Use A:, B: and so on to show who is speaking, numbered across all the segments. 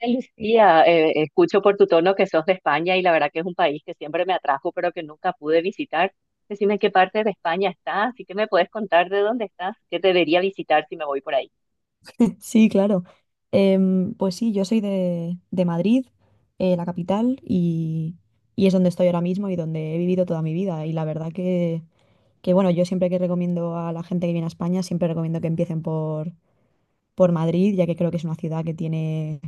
A: Lucía, escucho por tu tono que sos de España y la verdad que es un país que siempre me atrajo, pero que nunca pude visitar. Decime en qué parte de España estás y qué me puedes contar de dónde estás, qué debería visitar si me voy por ahí.
B: Sí, claro. Pues sí, yo soy de Madrid, la capital, y es donde estoy ahora mismo y donde he vivido toda mi vida. Y la verdad bueno, yo siempre que recomiendo a la gente que viene a España, siempre recomiendo que empiecen por Madrid, ya que creo que es una ciudad que tiene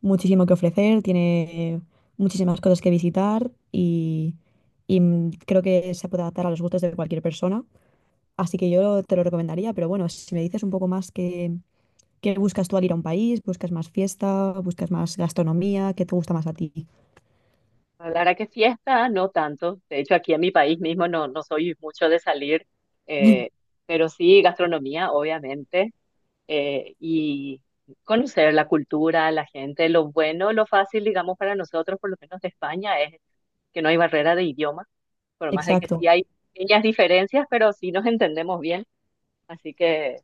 B: muchísimo que ofrecer, tiene muchísimas cosas que visitar y creo que se puede adaptar a los gustos de cualquier persona. Así que yo te lo recomendaría, pero bueno, si me dices un poco más que. ¿Qué buscas tú al ir a un país? ¿Buscas más fiesta? ¿Buscas más gastronomía? ¿Qué te gusta más a ti?
A: La verdad que fiesta, no tanto. De hecho, aquí en mi país mismo no, no soy mucho de salir, eh, pero sí gastronomía, obviamente, y conocer la cultura, la gente, lo bueno, lo fácil, digamos, para nosotros, por lo menos de España, es que no hay barrera de idioma por más de que
B: Exacto.
A: sí hay pequeñas diferencias, pero sí nos entendemos bien. Así que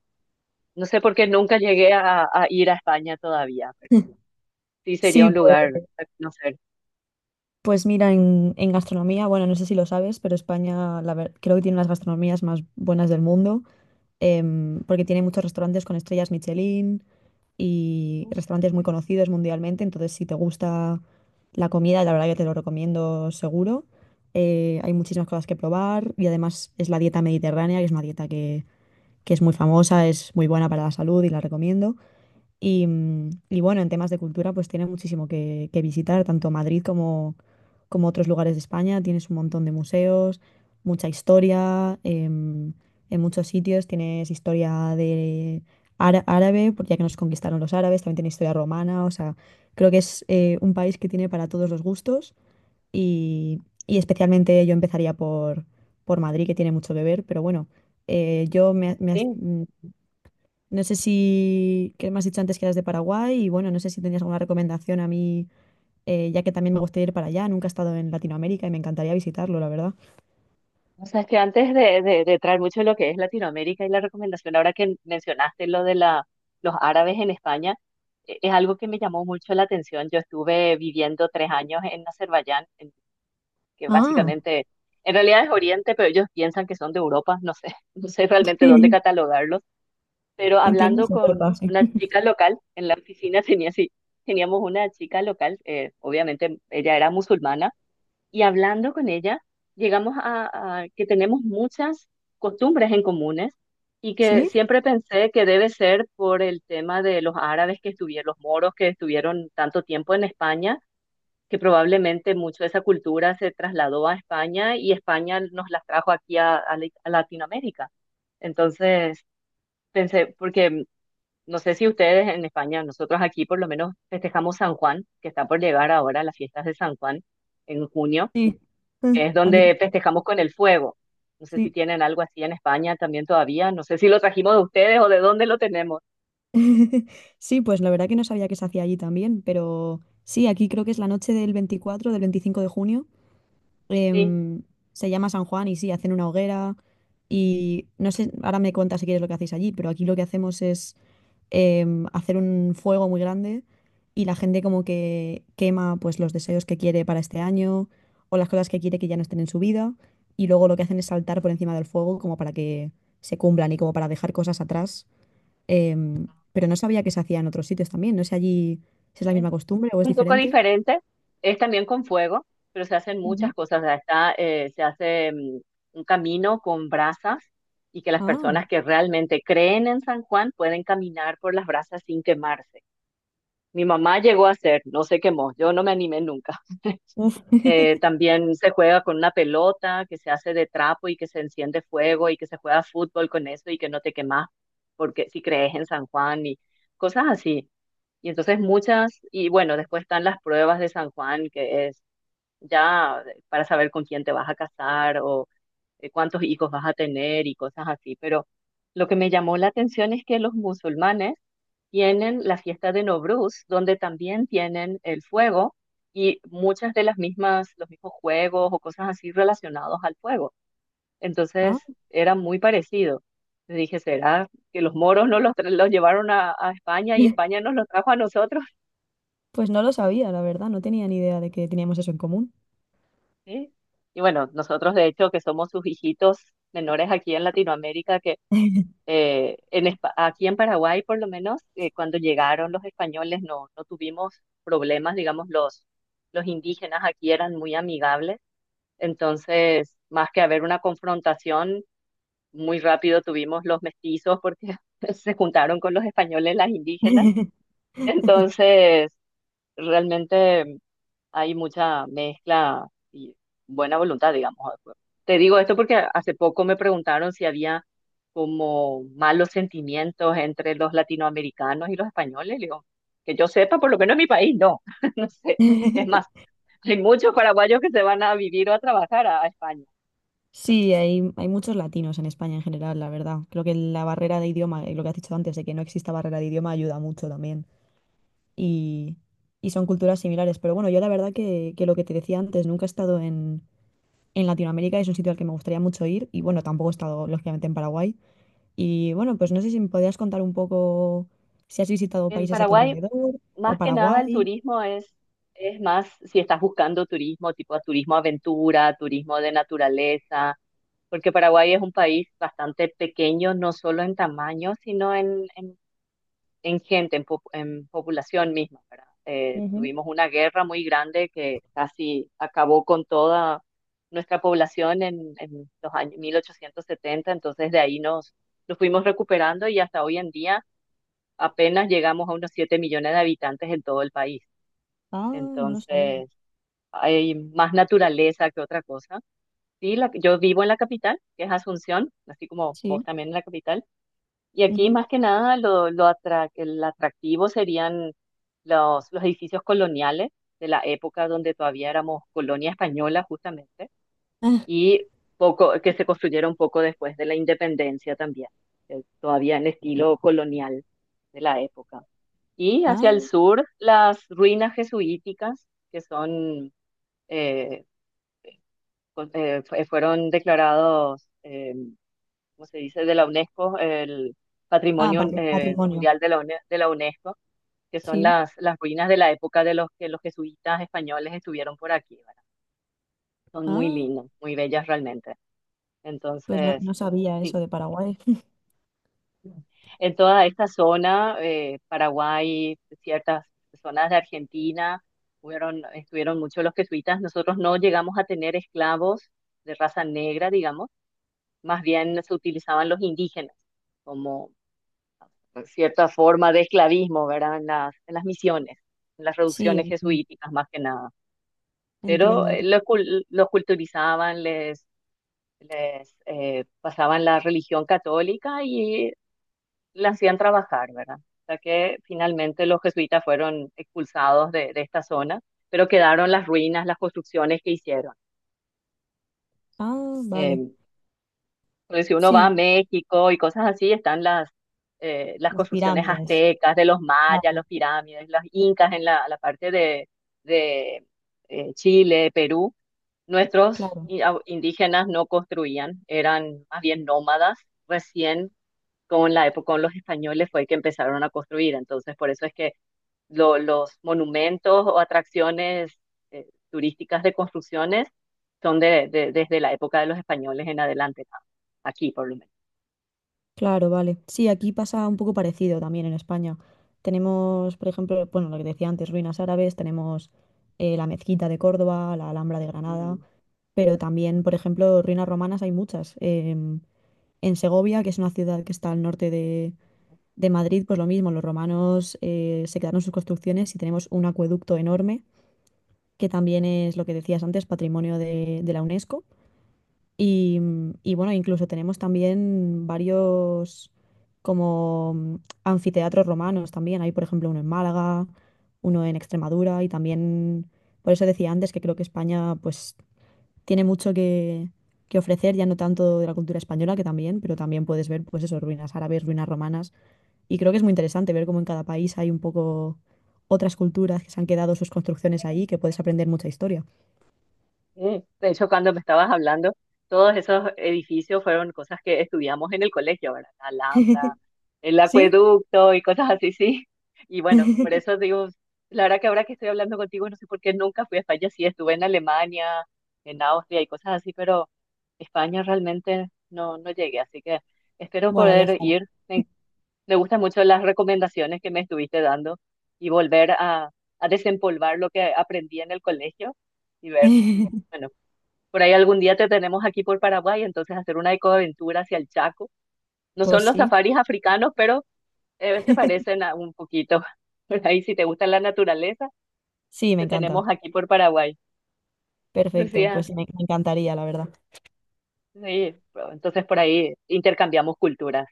A: no sé por qué nunca llegué a ir a España todavía, pero sí sería
B: Sí,
A: un
B: pues,
A: lugar a conocer.
B: pues mira, en gastronomía, bueno, no sé si lo sabes, pero España creo que tiene las gastronomías más buenas del mundo, porque tiene muchos restaurantes con estrellas Michelin y restaurantes muy conocidos mundialmente. Entonces si te gusta la comida, la verdad que te lo recomiendo seguro. Hay muchísimas cosas que probar y además es la dieta mediterránea, que es una dieta que es muy famosa, es muy buena para la salud y la recomiendo. Y bueno, en temas de cultura, pues tiene muchísimo que visitar, tanto Madrid como, como otros lugares de España. Tienes un montón de museos, mucha historia, en muchos sitios tienes historia de árabe, porque ya que nos conquistaron los árabes, también tiene historia romana. O sea, creo que es un país que tiene para todos los gustos y, y especialmente yo empezaría por Madrid, que tiene mucho que ver. Pero bueno, yo me, me has-
A: Sí.
B: no sé si, que me has dicho antes que eras de Paraguay y bueno, no sé si tenías alguna recomendación a mí, ya que también me gustaría ir para allá. Nunca he estado en Latinoamérica y me encantaría visitarlo, la verdad.
A: O sea, es que antes de traer mucho lo que es Latinoamérica y la recomendación, ahora que mencionaste lo de la, los árabes en España, es algo que me llamó mucho la atención. Yo estuve viviendo 3 años en Azerbaiyán, que
B: Ah,
A: básicamente, en realidad es Oriente, pero ellos piensan que son de Europa, no sé, no sé realmente dónde
B: sí.
A: catalogarlos, pero
B: En teoría
A: hablando
B: se
A: con
B: corta, sí.
A: una chica local en la oficina, tenía así, teníamos una chica local, obviamente ella era musulmana, y hablando con ella, llegamos a que tenemos muchas costumbres en comunes y que
B: ¿Sí?
A: siempre pensé que debe ser por el tema de los árabes que estuvieron, los moros que estuvieron tanto tiempo en España, que probablemente mucho de esa cultura se trasladó a España y España nos las trajo aquí a Latinoamérica. Entonces, pensé, porque no sé si ustedes en España, nosotros aquí por lo menos festejamos San Juan, que está por llegar ahora las fiestas de San Juan en junio,
B: Sí. Ah,
A: que es
B: aquí
A: donde
B: también.
A: festejamos con el fuego. No sé si
B: Sí.
A: tienen algo así en España también todavía, no sé si lo trajimos de ustedes o de dónde lo tenemos.
B: Sí, pues la verdad que no sabía que se hacía allí también, pero sí, aquí creo que es la noche del 24 del 25 de junio.
A: Sí,
B: em, Se llama San Juan y sí, hacen una hoguera y no sé, ahora me cuentas si quieres lo que hacéis allí, pero aquí lo que hacemos es hacer un fuego muy grande y la gente como que quema pues los deseos que quiere para este año o las cosas que quiere que ya no estén en su vida, y luego lo que hacen es saltar por encima del fuego como para que se cumplan y como para dejar cosas atrás. Pero no sabía que se hacía en otros sitios también, no sé allí si es la
A: sí.
B: misma costumbre o es
A: Un poco
B: diferente.
A: diferente, es también con fuego, pero se hacen muchas
B: Ujú.
A: cosas. O sea, está, se hace un camino con brasas y que las
B: Ah,
A: personas que realmente creen en San Juan pueden caminar por las brasas sin quemarse. Mi mamá llegó a hacer, no se quemó, yo no me animé nunca.
B: uf,
A: También se juega con una pelota que se hace de trapo y que se enciende fuego y que se juega fútbol con eso y que no te quemas, porque si crees en San Juan y cosas así. Y entonces y bueno, después están las pruebas de San Juan, que es ya para saber con quién te vas a casar o cuántos hijos vas a tener y cosas así, pero lo que me llamó la atención es que los musulmanes tienen la fiesta de Novruz, donde también tienen el fuego y muchas de las mismas, los mismos juegos o cosas así relacionados al fuego.
B: ah.
A: Entonces era muy parecido. Le dije, ¿será que los moros no los, los llevaron a España y España nos los trajo a nosotros?
B: Pues no lo sabía, la verdad, no tenía ni idea de que teníamos eso en común.
A: ¿Sí? Y bueno, nosotros de hecho que somos sus hijitos menores aquí en Latinoamérica, que aquí en Paraguay, por lo menos, cuando llegaron los españoles no, no tuvimos problemas, digamos, los indígenas aquí eran muy amigables, entonces, más que haber una confrontación, muy rápido tuvimos los mestizos porque se juntaron con los españoles las indígenas, entonces, realmente hay mucha mezcla y buena voluntad, digamos. Te digo esto porque hace poco me preguntaron si había como malos sentimientos entre los latinoamericanos y los españoles. Le digo, que yo sepa, por lo menos en mi país, no. No sé. Es más, hay muchos paraguayos que se van a vivir o a trabajar a España.
B: Sí, hay muchos latinos en España en general, la verdad. Creo que la barrera de idioma, y lo que has dicho antes, de que no exista barrera de idioma, ayuda mucho también. Y, y son culturas similares. Pero bueno, yo la verdad que lo que te decía antes, nunca he estado en Latinoamérica, es un sitio al que me gustaría mucho ir. Y bueno, tampoco he estado, lógicamente, en Paraguay. Y bueno, pues no sé si me podrías contar un poco si has visitado
A: En
B: países a tu
A: Paraguay
B: alrededor o
A: más que nada el
B: Paraguay.
A: turismo es más si estás buscando turismo, tipo turismo aventura, turismo de naturaleza, porque Paraguay es un país bastante pequeño, no solo en tamaño, sino en gente, en, en población misma, ¿verdad?
B: Ujú.
A: Tuvimos una guerra muy grande que casi acabó con toda nuestra población en los años 1870, entonces de ahí nos fuimos recuperando y hasta hoy en día apenas llegamos a unos 7 millones de habitantes en todo el país.
B: Ah, no lo sabía.
A: Entonces, hay más naturaleza que otra cosa. Sí, yo vivo en la capital, que es Asunción, así como vos
B: Sí.
A: también en la capital. Y aquí
B: Ujú.
A: más que nada el atractivo serían los edificios coloniales de la época donde todavía éramos colonia española justamente
B: Ah,
A: y poco que se construyeron poco después de la independencia también, todavía en estilo colonial de la época. Y hacia el
B: ah,
A: sur, las ruinas jesuíticas, que son eh, fueron declarados, ¿cómo se dice?, de la UNESCO, el
B: ah,
A: Patrimonio
B: patrimonio.
A: Mundial UNE- de la UNESCO, que son
B: Sí,
A: las ruinas de la época de los que los jesuitas españoles estuvieron por aquí, ¿verdad? Son muy
B: ah,
A: lindas, muy bellas realmente.
B: pues no,
A: Entonces,
B: no sabía eso
A: sí.
B: de Paraguay.
A: En toda esta zona, Paraguay, ciertas zonas de Argentina, estuvieron muchos los jesuitas. Nosotros no llegamos a tener esclavos de raza negra, digamos, más bien se utilizaban los indígenas como cierta forma de esclavismo, ¿verdad? En las misiones, en las
B: Sí,
A: reducciones
B: entiendo.
A: jesuíticas más que nada. Pero
B: Entiendo, entiendo.
A: los culturizaban, les pasaban la religión católica y la hacían trabajar, ¿verdad? O sea que finalmente los jesuitas fueron expulsados de esta zona, pero quedaron las ruinas, las construcciones que hicieron.
B: Ah, vale.
A: Eh, Pues si uno va a
B: Sí,
A: México y cosas así, están las
B: las
A: construcciones
B: pirámides.
A: aztecas, de los mayas, los
B: Claro,
A: pirámides, las incas en la, la parte de, Chile, Perú. Nuestros
B: claro,
A: indígenas no construían, eran más bien nómadas. Recién con la época, con los españoles fue que empezaron a construir. Entonces, por eso es que los monumentos o atracciones turísticas de construcciones son desde la época de los españoles en adelante, ¿no? Aquí por lo menos.
B: claro, vale. Sí, aquí pasa un poco parecido también en España. Tenemos, por ejemplo, bueno, lo que decía antes, ruinas árabes. Tenemos la Mezquita de Córdoba, la Alhambra de Granada,
A: Ujú.
B: pero también, por ejemplo, ruinas romanas hay muchas. En Segovia, que es una ciudad que está al norte de Madrid, pues lo mismo, los romanos se quedaron sus construcciones y tenemos un acueducto enorme, que también es lo que decías antes, patrimonio de la UNESCO. Y bueno, incluso tenemos también varios como mm, anfiteatros romanos también. Hay, por ejemplo, uno en Málaga, uno en Extremadura y también, por eso decía antes que creo que España pues tiene mucho que ofrecer, ya no tanto de la cultura española, que también, pero también puedes ver pues eso, ruinas árabes, ruinas romanas, y creo que es muy interesante ver cómo en cada país hay un poco otras culturas que se han quedado sus construcciones ahí, que puedes aprender mucha historia.
A: De hecho, cuando me estabas hablando, todos esos edificios fueron cosas que estudiamos en el colegio, ¿verdad? La Alhambra, el
B: ¿Sí?
A: acueducto y cosas así, sí. Y bueno, por eso digo, la verdad que ahora que estoy hablando contigo, no sé por qué nunca fui a España, sí, estuve en Alemania, en Austria y cosas así, pero España realmente no, no llegué, así que espero
B: Bueno, ya
A: poder
B: está.
A: ir. Me, me gustan mucho las recomendaciones que me estuviste dando y volver a desempolvar lo que aprendí en el colegio y ver. Bueno, por ahí algún día te tenemos aquí por Paraguay, entonces hacer una ecoaventura hacia el Chaco. No
B: Pues
A: son los
B: sí,
A: safaris africanos, pero se parecen a un poquito. Por ahí, si te gusta la naturaleza,
B: sí, me
A: te tenemos
B: encanta.
A: aquí por Paraguay.
B: Perfecto, pues
A: Lucía,
B: sí, me encantaría, la verdad.
A: sí, pero entonces por ahí intercambiamos culturas.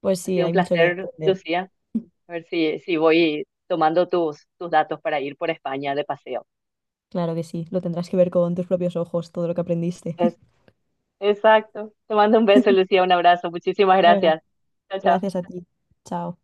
B: Pues
A: Ha
B: sí,
A: sido un
B: hay mucho que
A: placer,
B: aprender.
A: Lucía. A ver si, si voy tomando tus datos para ir por España de paseo.
B: Claro que sí, lo tendrás que ver con tus propios ojos, todo lo que aprendiste.
A: Es- exacto. Te mando un beso, Lucía, un abrazo. Muchísimas
B: Bueno,
A: gracias. Chao, chao.
B: gracias a ti. Chao.